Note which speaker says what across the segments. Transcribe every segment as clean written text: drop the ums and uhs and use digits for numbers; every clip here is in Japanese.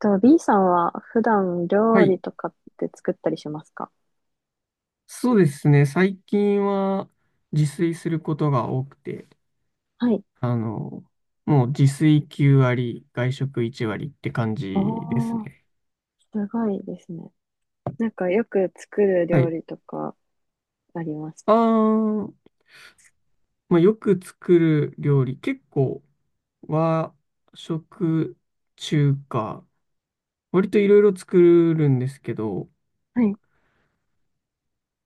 Speaker 1: と、B さんは普段
Speaker 2: は
Speaker 1: 料
Speaker 2: い。
Speaker 1: 理とかって作ったりしますか？
Speaker 2: そうですね。最近は自炊することが多くて、
Speaker 1: はい。
Speaker 2: あの、もう自炊9割、外食1割って感
Speaker 1: あ
Speaker 2: じです
Speaker 1: あ、
Speaker 2: ね。
Speaker 1: すごいですね。なんかよく作る
Speaker 2: は
Speaker 1: 料
Speaker 2: い。
Speaker 1: 理とかあります
Speaker 2: あ
Speaker 1: か？
Speaker 2: ー、まあ、よく作る料理、結構和食、中華、割といろいろ作るんですけど、
Speaker 1: はい。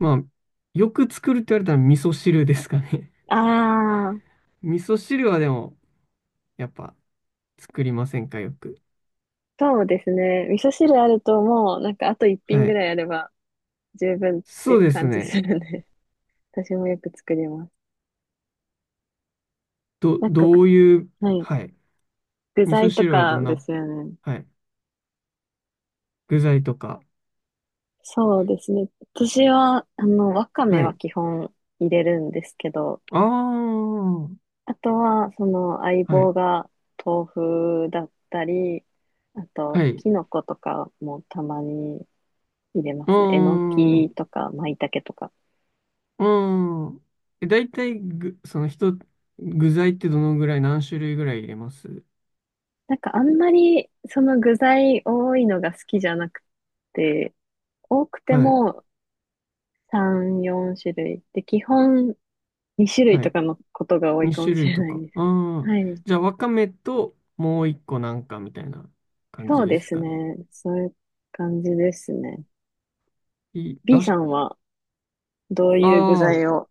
Speaker 2: まあ、よく作るって言われたら味噌汁ですかね。
Speaker 1: ああ、
Speaker 2: 味噌汁はでも、やっぱ作りませんか、よく。
Speaker 1: そうですね。味噌汁あるともう、なんかあと一品
Speaker 2: は
Speaker 1: ぐ
Speaker 2: い。
Speaker 1: らいあれば十分って
Speaker 2: そ
Speaker 1: い
Speaker 2: う
Speaker 1: う
Speaker 2: です
Speaker 1: 感じす
Speaker 2: ね。
Speaker 1: るんで、私もよく作ります。
Speaker 2: ど、
Speaker 1: なんか
Speaker 2: どういう、
Speaker 1: はい。
Speaker 2: はい。
Speaker 1: 具
Speaker 2: 味噌
Speaker 1: 材と
Speaker 2: 汁はど
Speaker 1: か
Speaker 2: ん
Speaker 1: で
Speaker 2: な、
Speaker 1: すよね。
Speaker 2: はい。具材とか。
Speaker 1: そうですね。私は、あの、わかめ
Speaker 2: は
Speaker 1: は
Speaker 2: い。
Speaker 1: 基本入れるんですけど、
Speaker 2: ああ、は
Speaker 1: あとは、その相
Speaker 2: い。
Speaker 1: 棒が豆腐だったり、あと、
Speaker 2: はい。
Speaker 1: キノコとかもたまに入れま
Speaker 2: うー
Speaker 1: すね。えの
Speaker 2: ん、
Speaker 1: き
Speaker 2: う
Speaker 1: とか、舞茸とか。
Speaker 2: ーん。大体ぐ、その人、具材ってどのぐらい、何種類ぐらい入れます？
Speaker 1: なんかあんまり、その具材多いのが好きじゃなくて、多くて
Speaker 2: はい。
Speaker 1: も3、4種類。で、基本2種類
Speaker 2: は
Speaker 1: と
Speaker 2: い。
Speaker 1: かのことが多いかもし
Speaker 2: 2
Speaker 1: れ
Speaker 2: 種類と
Speaker 1: ない
Speaker 2: か。
Speaker 1: です。
Speaker 2: ああ。
Speaker 1: はい。
Speaker 2: じゃあ、わかめと、もう一個なんかみたいな感
Speaker 1: そ
Speaker 2: じ
Speaker 1: う
Speaker 2: で
Speaker 1: で
Speaker 2: す
Speaker 1: す
Speaker 2: かね。
Speaker 1: ね。そういう感じですね。
Speaker 2: い、
Speaker 1: B
Speaker 2: だし、
Speaker 1: さんはどう
Speaker 2: あ
Speaker 1: いう具
Speaker 2: あ、
Speaker 1: 材を。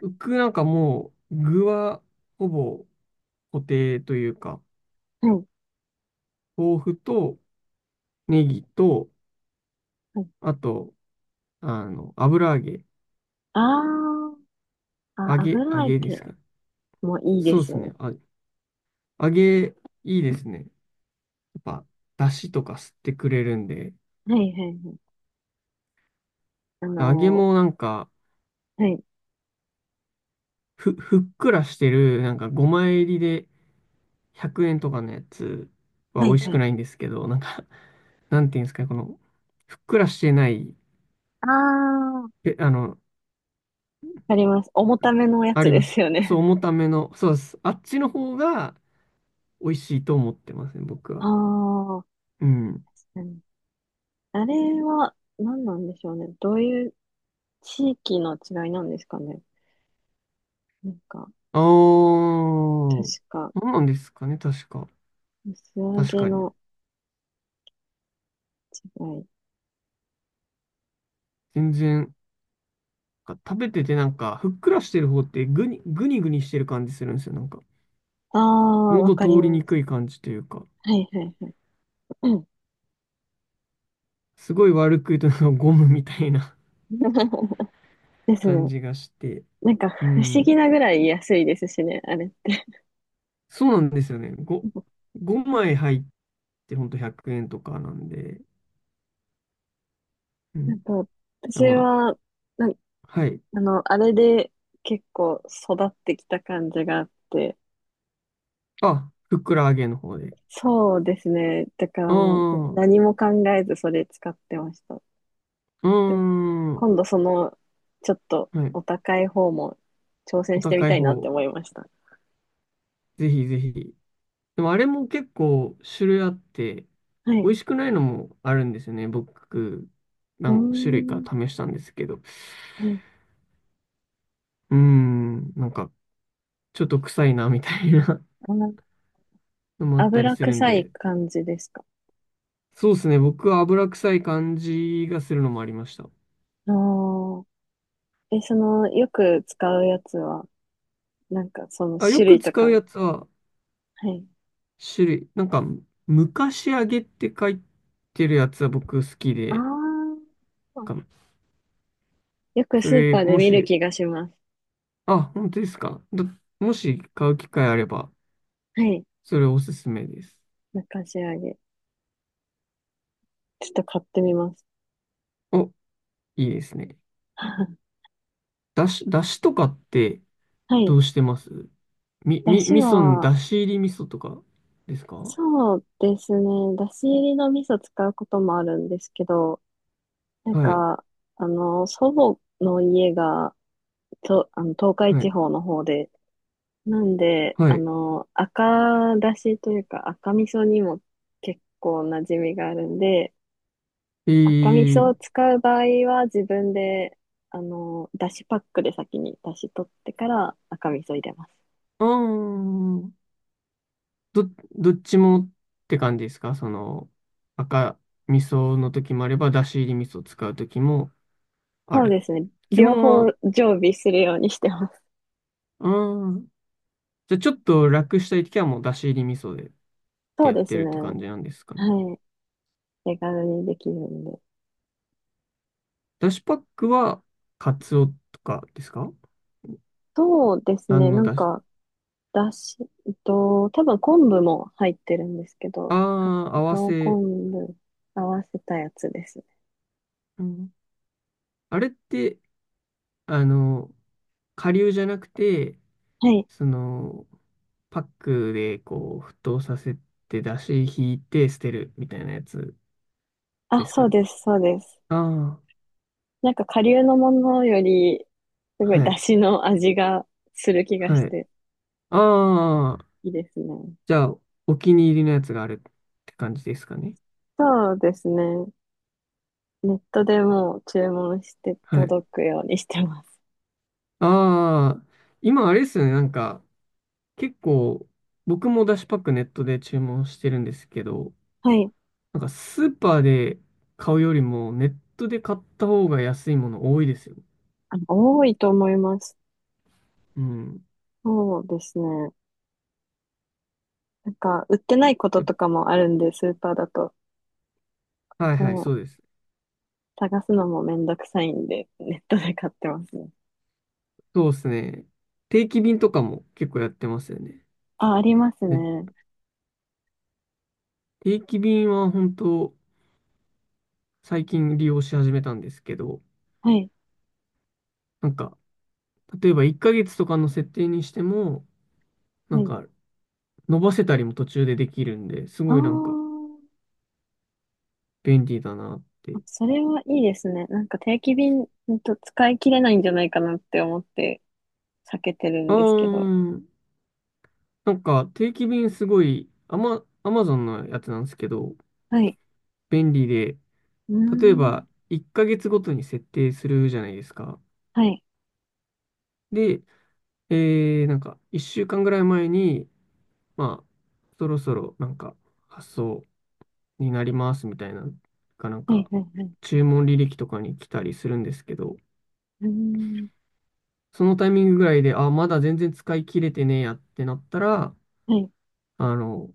Speaker 2: 僕なんかもう、具は、ほぼ固定というか、
Speaker 1: はい。
Speaker 2: 豆腐と、ネギと、
Speaker 1: はい。
Speaker 2: あと、油揚げ。
Speaker 1: ああ。
Speaker 2: 揚
Speaker 1: あ、
Speaker 2: げ、揚
Speaker 1: 油揚
Speaker 2: げです
Speaker 1: げ
Speaker 2: かね。
Speaker 1: もいいで
Speaker 2: そうで
Speaker 1: す
Speaker 2: す
Speaker 1: よ
Speaker 2: ね。
Speaker 1: ね。
Speaker 2: あ、揚げ、いいですね。やっぱ、だしとか吸ってくれるんで。
Speaker 1: はいはいはい。あ
Speaker 2: 揚げ
Speaker 1: の
Speaker 2: もなんか、
Speaker 1: はい。
Speaker 2: ふっくらしてる、なんか5枚入りで100円とかのやつは
Speaker 1: は
Speaker 2: 美味
Speaker 1: い
Speaker 2: し
Speaker 1: は
Speaker 2: く
Speaker 1: い。
Speaker 2: ないんですけど、なんか、なんていうんですかね、この、ふっくらしてない、
Speaker 1: ああ、わ
Speaker 2: え、あの、
Speaker 1: かります。重ためのや
Speaker 2: あ
Speaker 1: つ
Speaker 2: り
Speaker 1: で
Speaker 2: ます。
Speaker 1: すよね。
Speaker 2: そう、重ための、そうです。あっちの方が美味しいと思ってますね、僕 は。
Speaker 1: ああ、
Speaker 2: うん。
Speaker 1: うん。あれは何なんでしょうね。どういう地域の違いなんですかね。なんか、
Speaker 2: ああ、
Speaker 1: 確
Speaker 2: そ
Speaker 1: か、
Speaker 2: うなんですかね、確か。
Speaker 1: 薄揚
Speaker 2: 確
Speaker 1: げ
Speaker 2: かに。
Speaker 1: の違い。
Speaker 2: 全然、なんか食べててなんか、ふっくらしてる方ってぐにぐにしてる感じするんですよ。なんか、
Speaker 1: ああ、わ
Speaker 2: 喉
Speaker 1: かり
Speaker 2: 通り
Speaker 1: ま
Speaker 2: に
Speaker 1: す。
Speaker 2: くい感じというか、
Speaker 1: はいはいはい。うん。
Speaker 2: すごい悪く言うとなんかゴムみたいな
Speaker 1: で す
Speaker 2: 感
Speaker 1: ね。
Speaker 2: じがして。
Speaker 1: なんか、
Speaker 2: う
Speaker 1: 不思議
Speaker 2: ん。
Speaker 1: なぐらい安いですしね、あれって。
Speaker 2: そうなんですよね。5枚入ってほんと100円とかなんで。う
Speaker 1: あ
Speaker 2: ん。
Speaker 1: と、
Speaker 2: あ
Speaker 1: 私
Speaker 2: ま
Speaker 1: は、なん
Speaker 2: はい。
Speaker 1: あの、あれで結構育ってきた感じがあって、
Speaker 2: あ、ふっくら揚げの方で。
Speaker 1: そうですね。だか
Speaker 2: あ
Speaker 1: らもう
Speaker 2: あ、う
Speaker 1: 何も考えずそれ使ってました。
Speaker 2: ー
Speaker 1: でも、
Speaker 2: ん。
Speaker 1: 今度その、ちょっと
Speaker 2: はい。
Speaker 1: お高い方も挑
Speaker 2: お
Speaker 1: 戦してみ
Speaker 2: 高い
Speaker 1: たいなって
Speaker 2: 方、
Speaker 1: 思いました。
Speaker 2: ぜひぜひ。でもあれも結構種類あって、
Speaker 1: は
Speaker 2: 美
Speaker 1: い。
Speaker 2: 味しくないのもあるんですよね。僕、
Speaker 1: うー
Speaker 2: 何種類か
Speaker 1: ん。
Speaker 2: 試したんですけど。
Speaker 1: ね、
Speaker 2: うーん、なんか、ちょっと臭いな、みたいな
Speaker 1: あの、
Speaker 2: のもあったり
Speaker 1: 油
Speaker 2: するん
Speaker 1: 臭い
Speaker 2: で。
Speaker 1: 感じですか？
Speaker 2: そうですね。僕は油臭い感じがするのもありました。
Speaker 1: ああ。え、その、よく使うやつは、なんかその
Speaker 2: あ、よ
Speaker 1: 種
Speaker 2: く
Speaker 1: 類と
Speaker 2: 使う
Speaker 1: か、
Speaker 2: やつは、
Speaker 1: はい。
Speaker 2: 種類、なんか、昔揚げって書いてるやつは僕好き
Speaker 1: あ
Speaker 2: で、なん
Speaker 1: あ。
Speaker 2: か
Speaker 1: よく
Speaker 2: そ
Speaker 1: スーパ
Speaker 2: れ、
Speaker 1: ーで
Speaker 2: も
Speaker 1: 見る
Speaker 2: し、
Speaker 1: 気がします。
Speaker 2: あ、本当ですか。だもし買う機会あれば、
Speaker 1: はい。
Speaker 2: それおすすめです。
Speaker 1: 中仕上げ。ちょっと買ってみます。
Speaker 2: おいいですね。だしとかって
Speaker 1: はい。
Speaker 2: どうしてます？み、
Speaker 1: だ
Speaker 2: み、
Speaker 1: し
Speaker 2: 味噌の、
Speaker 1: は、
Speaker 2: だし入り味噌とかですか？は
Speaker 1: そうですね。だし入りの味噌使うこともあるんですけど、なん
Speaker 2: い、
Speaker 1: か、あの、祖母の家が、と、あの、東海
Speaker 2: は
Speaker 1: 地
Speaker 2: い、
Speaker 1: 方の方で、なんで、
Speaker 2: は
Speaker 1: あ
Speaker 2: い。
Speaker 1: の、赤だしというか赤味噌にも結構馴染みがあるんで、
Speaker 2: え
Speaker 1: 赤味噌
Speaker 2: ー、
Speaker 1: を使う場合は自分で、あの、だしパックで先にだし取ってから赤味噌入れます。
Speaker 2: あー、ど、どっちもって感じですか？その、赤味噌の時もあれば、だし入り味噌を使う時もあ
Speaker 1: そう
Speaker 2: る。
Speaker 1: ですね。
Speaker 2: 基
Speaker 1: 両
Speaker 2: 本
Speaker 1: 方
Speaker 2: は、
Speaker 1: 常備するようにしてます。
Speaker 2: あー、じゃあちょっと楽したい時はもうだし入り味噌でっ て
Speaker 1: そう
Speaker 2: やっ
Speaker 1: で
Speaker 2: て
Speaker 1: す
Speaker 2: るっ
Speaker 1: ね。
Speaker 2: て
Speaker 1: は
Speaker 2: 感じなんですかね。
Speaker 1: い。手軽にできるんで。
Speaker 2: だしパックは、カツオとかですか？
Speaker 1: そうですね。
Speaker 2: 何の
Speaker 1: なん
Speaker 2: だし？
Speaker 1: か、だし、多分昆布も入ってるんですけ
Speaker 2: あ
Speaker 1: ど、か
Speaker 2: あ、合
Speaker 1: つ
Speaker 2: わ
Speaker 1: お
Speaker 2: せ。
Speaker 1: 昆布合わせたやつですね。
Speaker 2: うん、あれって、あの、顆粒じゃなくて、
Speaker 1: はい。
Speaker 2: その、パックでこう、沸騰させて、出汁引いて捨てるみたいなやつ
Speaker 1: あ、
Speaker 2: です
Speaker 1: そ
Speaker 2: か
Speaker 1: う
Speaker 2: ね。
Speaker 1: です、そうです。
Speaker 2: ああ、
Speaker 1: なんか、顆粒のものより、すごい
Speaker 2: は
Speaker 1: だ
Speaker 2: い、
Speaker 1: しの味がする気がし
Speaker 2: はい。
Speaker 1: て、
Speaker 2: ああ、
Speaker 1: いいですね。
Speaker 2: じゃあ、お気に入りのやつがあるって感じですかね。
Speaker 1: そうですね。ネットでもう注文して
Speaker 2: はい。
Speaker 1: 届くようにしてます。
Speaker 2: ああ、今あれですよね、なんか、結構、僕も出汁パックネットで注文してるんですけど、
Speaker 1: はい。
Speaker 2: なんかスーパーで買うよりもネットで買った方が安いもの多いですよ。
Speaker 1: あ、多いと思います。
Speaker 2: うん。
Speaker 1: そうですね。なんか、売ってないこと
Speaker 2: やっ
Speaker 1: とかもあるんで、スーパーだと。
Speaker 2: はい、はい、
Speaker 1: もう、
Speaker 2: そうです。
Speaker 1: 探すのもめんどくさいんで、ネットで買ってますね。
Speaker 2: そうですね。定期便とかも結構やってますよね。
Speaker 1: あ、あります
Speaker 2: ね、
Speaker 1: ね。
Speaker 2: 定期便は本当最近利用し始めたんですけど、
Speaker 1: はい。
Speaker 2: なんか例えば1ヶ月とかの設定にしても、な
Speaker 1: は
Speaker 2: ん
Speaker 1: い。
Speaker 2: か伸ばせたりも途中でできるんで、す
Speaker 1: あ
Speaker 2: ごいなんか
Speaker 1: ー。
Speaker 2: 便利だなっ
Speaker 1: あ、
Speaker 2: て。
Speaker 1: それはいいですね。なんか定期便、ほんと使い切れないんじゃないかなって思って避けてる
Speaker 2: あ
Speaker 1: んですけど。
Speaker 2: ー、なんか定期便すごい、アマゾンのやつなんですけど、
Speaker 1: はい。
Speaker 2: 便利で、
Speaker 1: うー
Speaker 2: 例え
Speaker 1: ん。
Speaker 2: ば1ヶ月ごとに設定するじゃないですか。
Speaker 1: はい。
Speaker 2: で、なんか1週間ぐらい前に、まあ、そろそろなんか発送になりますみたいな、かなん
Speaker 1: はい、
Speaker 2: か
Speaker 1: はい、はい。
Speaker 2: 注文履歴とかに来たりするんですけど、
Speaker 1: うーん。
Speaker 2: そのタイミングぐらいで、あ、まだ全然使い切れてねえやってなったら、
Speaker 1: はい。
Speaker 2: あの、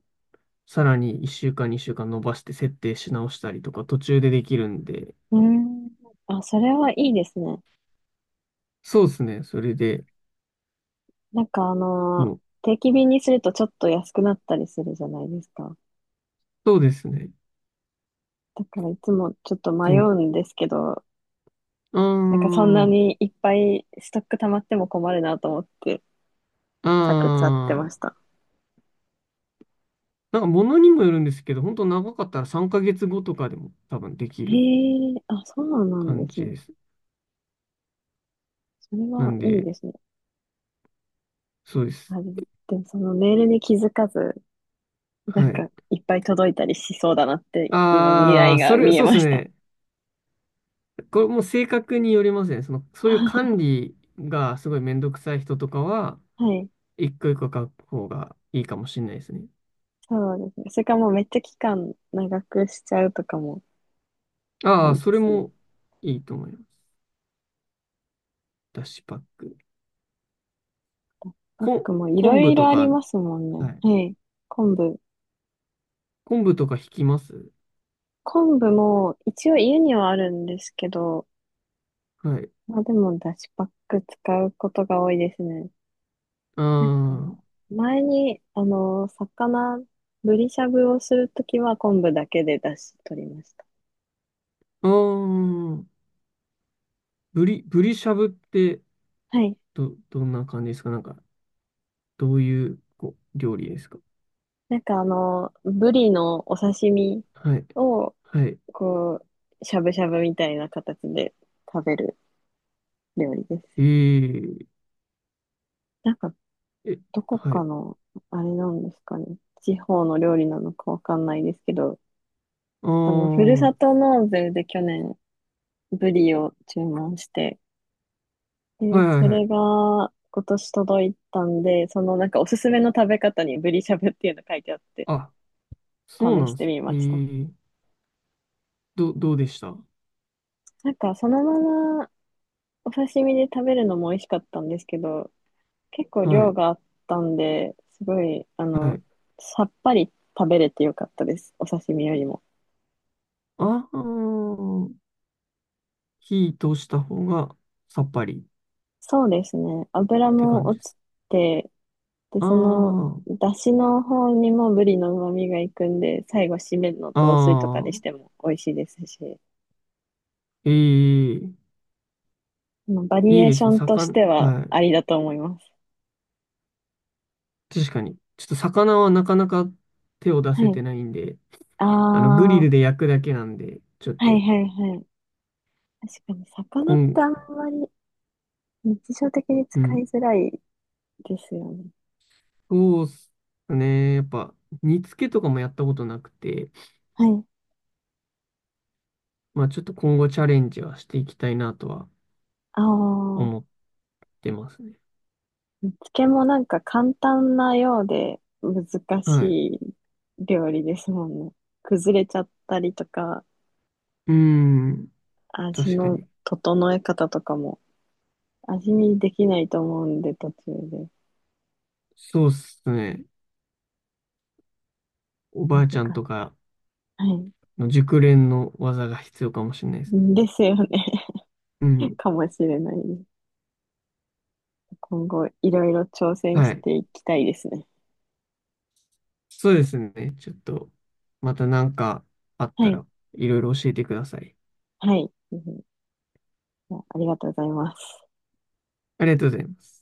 Speaker 2: さらに1週間、2週間伸ばして設定し直したりとか途中でできるんで、
Speaker 1: うーん。あ、それはいいですね。
Speaker 2: そうですね。それで、
Speaker 1: なんかあの、
Speaker 2: もう、
Speaker 1: 定期便にするとちょっと安くなったりするじゃないですか。
Speaker 2: そうですね。
Speaker 1: だからいつもちょっと迷うんですけど、
Speaker 2: うー
Speaker 1: なんかそんな
Speaker 2: ん、う
Speaker 1: にいっぱいストック溜まっても困るなと思って
Speaker 2: ー
Speaker 1: 避けちゃってま
Speaker 2: ん。
Speaker 1: した。
Speaker 2: なんか物にもよるんですけど、本当長かったら3ヶ月後とかでも多分でき
Speaker 1: え
Speaker 2: る
Speaker 1: え、あ、そうなん
Speaker 2: 感
Speaker 1: です
Speaker 2: じ
Speaker 1: ね。
Speaker 2: です。
Speaker 1: それ
Speaker 2: な
Speaker 1: は
Speaker 2: ん
Speaker 1: いい
Speaker 2: で、
Speaker 1: ですね。
Speaker 2: そうで
Speaker 1: あ
Speaker 2: す。
Speaker 1: れ、でもそのメールに気づかず、な
Speaker 2: は
Speaker 1: ん
Speaker 2: い。
Speaker 1: かいっぱい届いたりしそうだなって今未
Speaker 2: あ
Speaker 1: 来
Speaker 2: あ、そ
Speaker 1: が
Speaker 2: れ、
Speaker 1: 見え
Speaker 2: そうで
Speaker 1: ま
Speaker 2: す
Speaker 1: した。
Speaker 2: ね。これも性格によりますね。そ の、そういう管
Speaker 1: は
Speaker 2: 理がすごいめんどくさい人とかは、
Speaker 1: い、
Speaker 2: 一個一個書く方がいいかもしれないですね。
Speaker 1: そうですね。それかもうめっちゃ期間長くしちゃうとかもあ
Speaker 2: ああ、
Speaker 1: り
Speaker 2: そ
Speaker 1: で
Speaker 2: れ
Speaker 1: すね。
Speaker 2: もいいと思います。ダッシュパック。
Speaker 1: パッ
Speaker 2: こ、
Speaker 1: クもいろ
Speaker 2: 昆
Speaker 1: い
Speaker 2: 布
Speaker 1: ろ
Speaker 2: と
Speaker 1: あり
Speaker 2: か、
Speaker 1: ますもんね。
Speaker 2: はい。
Speaker 1: はい。昆布。
Speaker 2: 昆布とか引きます？
Speaker 1: 昆布も一応家にはあるんですけど、
Speaker 2: はい。
Speaker 1: まあでもだしパック使うことが多いですね。
Speaker 2: あ
Speaker 1: なんか、
Speaker 2: あ。
Speaker 1: 前に、あの、魚、ブリしゃぶをするときは昆布だけでだし取りました。
Speaker 2: ああ、ブリしゃぶって
Speaker 1: はい。
Speaker 2: どんな感じですか？なんか、どういう、こう、料理ですか？
Speaker 1: なんかあの、ブリのお刺身
Speaker 2: はい。
Speaker 1: を、
Speaker 2: はい。
Speaker 1: こう、しゃぶしゃぶみたいな形で食べる料理で
Speaker 2: え
Speaker 1: す。
Speaker 2: ー、
Speaker 1: なんか
Speaker 2: え、
Speaker 1: どこ
Speaker 2: は
Speaker 1: か
Speaker 2: い。
Speaker 1: の、あれなんですかね。地方の料理なのかわかんないですけど、
Speaker 2: ああ、
Speaker 1: あの、ふる
Speaker 2: は
Speaker 1: さと納税で去年、ブリを注文して、
Speaker 2: い、
Speaker 1: で、
Speaker 2: は
Speaker 1: そ
Speaker 2: い、はい。
Speaker 1: れが今年届いたんで、そのなんかおすすめの食べ方にブリしゃぶっていうの書いてあって、
Speaker 2: あ、そう
Speaker 1: 試
Speaker 2: な
Speaker 1: し
Speaker 2: んで
Speaker 1: て
Speaker 2: すね。
Speaker 1: みました。
Speaker 2: どうでした？
Speaker 1: なんかそのままお刺身で食べるのも美味しかったんですけど、結構
Speaker 2: は
Speaker 1: 量
Speaker 2: い。
Speaker 1: があったんで、すごい、あ
Speaker 2: は
Speaker 1: の、
Speaker 2: い。
Speaker 1: さっぱり食べれてよかったです。お刺身よりも。
Speaker 2: ああ、火通した方がさっぱりっ
Speaker 1: そうですね。油
Speaker 2: て感
Speaker 1: も
Speaker 2: じ
Speaker 1: 落
Speaker 2: で
Speaker 1: ち
Speaker 2: す。
Speaker 1: て、で、
Speaker 2: あ
Speaker 1: その、
Speaker 2: あ、
Speaker 1: だしの方にもブリの旨味がいくんで、最後、締めの
Speaker 2: あ
Speaker 1: 雑炊とかにし
Speaker 2: あ、
Speaker 1: ても美味しいですし、
Speaker 2: ええ、
Speaker 1: まあバリ
Speaker 2: いい
Speaker 1: エー
Speaker 2: で
Speaker 1: シ
Speaker 2: す
Speaker 1: ョ
Speaker 2: ね。
Speaker 1: ンとし
Speaker 2: 魚、
Speaker 1: ては
Speaker 2: はい。
Speaker 1: ありだと思います。
Speaker 2: 確かに。ちょっと魚はなかなか手を出
Speaker 1: は
Speaker 2: せ
Speaker 1: い。
Speaker 2: てないんで、
Speaker 1: あ
Speaker 2: グ
Speaker 1: あ、
Speaker 2: リ
Speaker 1: は
Speaker 2: ルで焼くだけなんで、ちょっ
Speaker 1: いはい
Speaker 2: と、
Speaker 1: はい。確かに、
Speaker 2: こ
Speaker 1: 魚って
Speaker 2: ん、
Speaker 1: あんまり日常的に
Speaker 2: う
Speaker 1: 使い
Speaker 2: ん。
Speaker 1: づらいですよね。
Speaker 2: そうっすね。やっぱ、煮付けとかもやったことなくて、
Speaker 1: はい。
Speaker 2: まあちょっと今後チャレンジはしていきたいなとは
Speaker 1: ああ。
Speaker 2: 思ってますね。
Speaker 1: 漬けもなんか簡単なようで難
Speaker 2: はい。う
Speaker 1: しい料理ですもんね。崩れちゃったりとか、
Speaker 2: ーん。
Speaker 1: 味
Speaker 2: 確か
Speaker 1: の
Speaker 2: に。
Speaker 1: 整え方とかも味見できないと思うんで途中で
Speaker 2: そうっすね。おば
Speaker 1: 難
Speaker 2: あ
Speaker 1: し
Speaker 2: ちゃん
Speaker 1: い。
Speaker 2: とか
Speaker 1: はい。
Speaker 2: の熟練の技が必要かもしれないです。
Speaker 1: ですよね。
Speaker 2: う ん。
Speaker 1: かもしれないです。今後いろいろ挑戦
Speaker 2: は
Speaker 1: し
Speaker 2: い。
Speaker 1: ていきたいですね。
Speaker 2: そうですね。ちょっと、またなんかあっ
Speaker 1: は
Speaker 2: た
Speaker 1: い。
Speaker 2: らいろいろ教えてください。
Speaker 1: はい。うん、じゃあありがとうございます。
Speaker 2: ありがとうございます。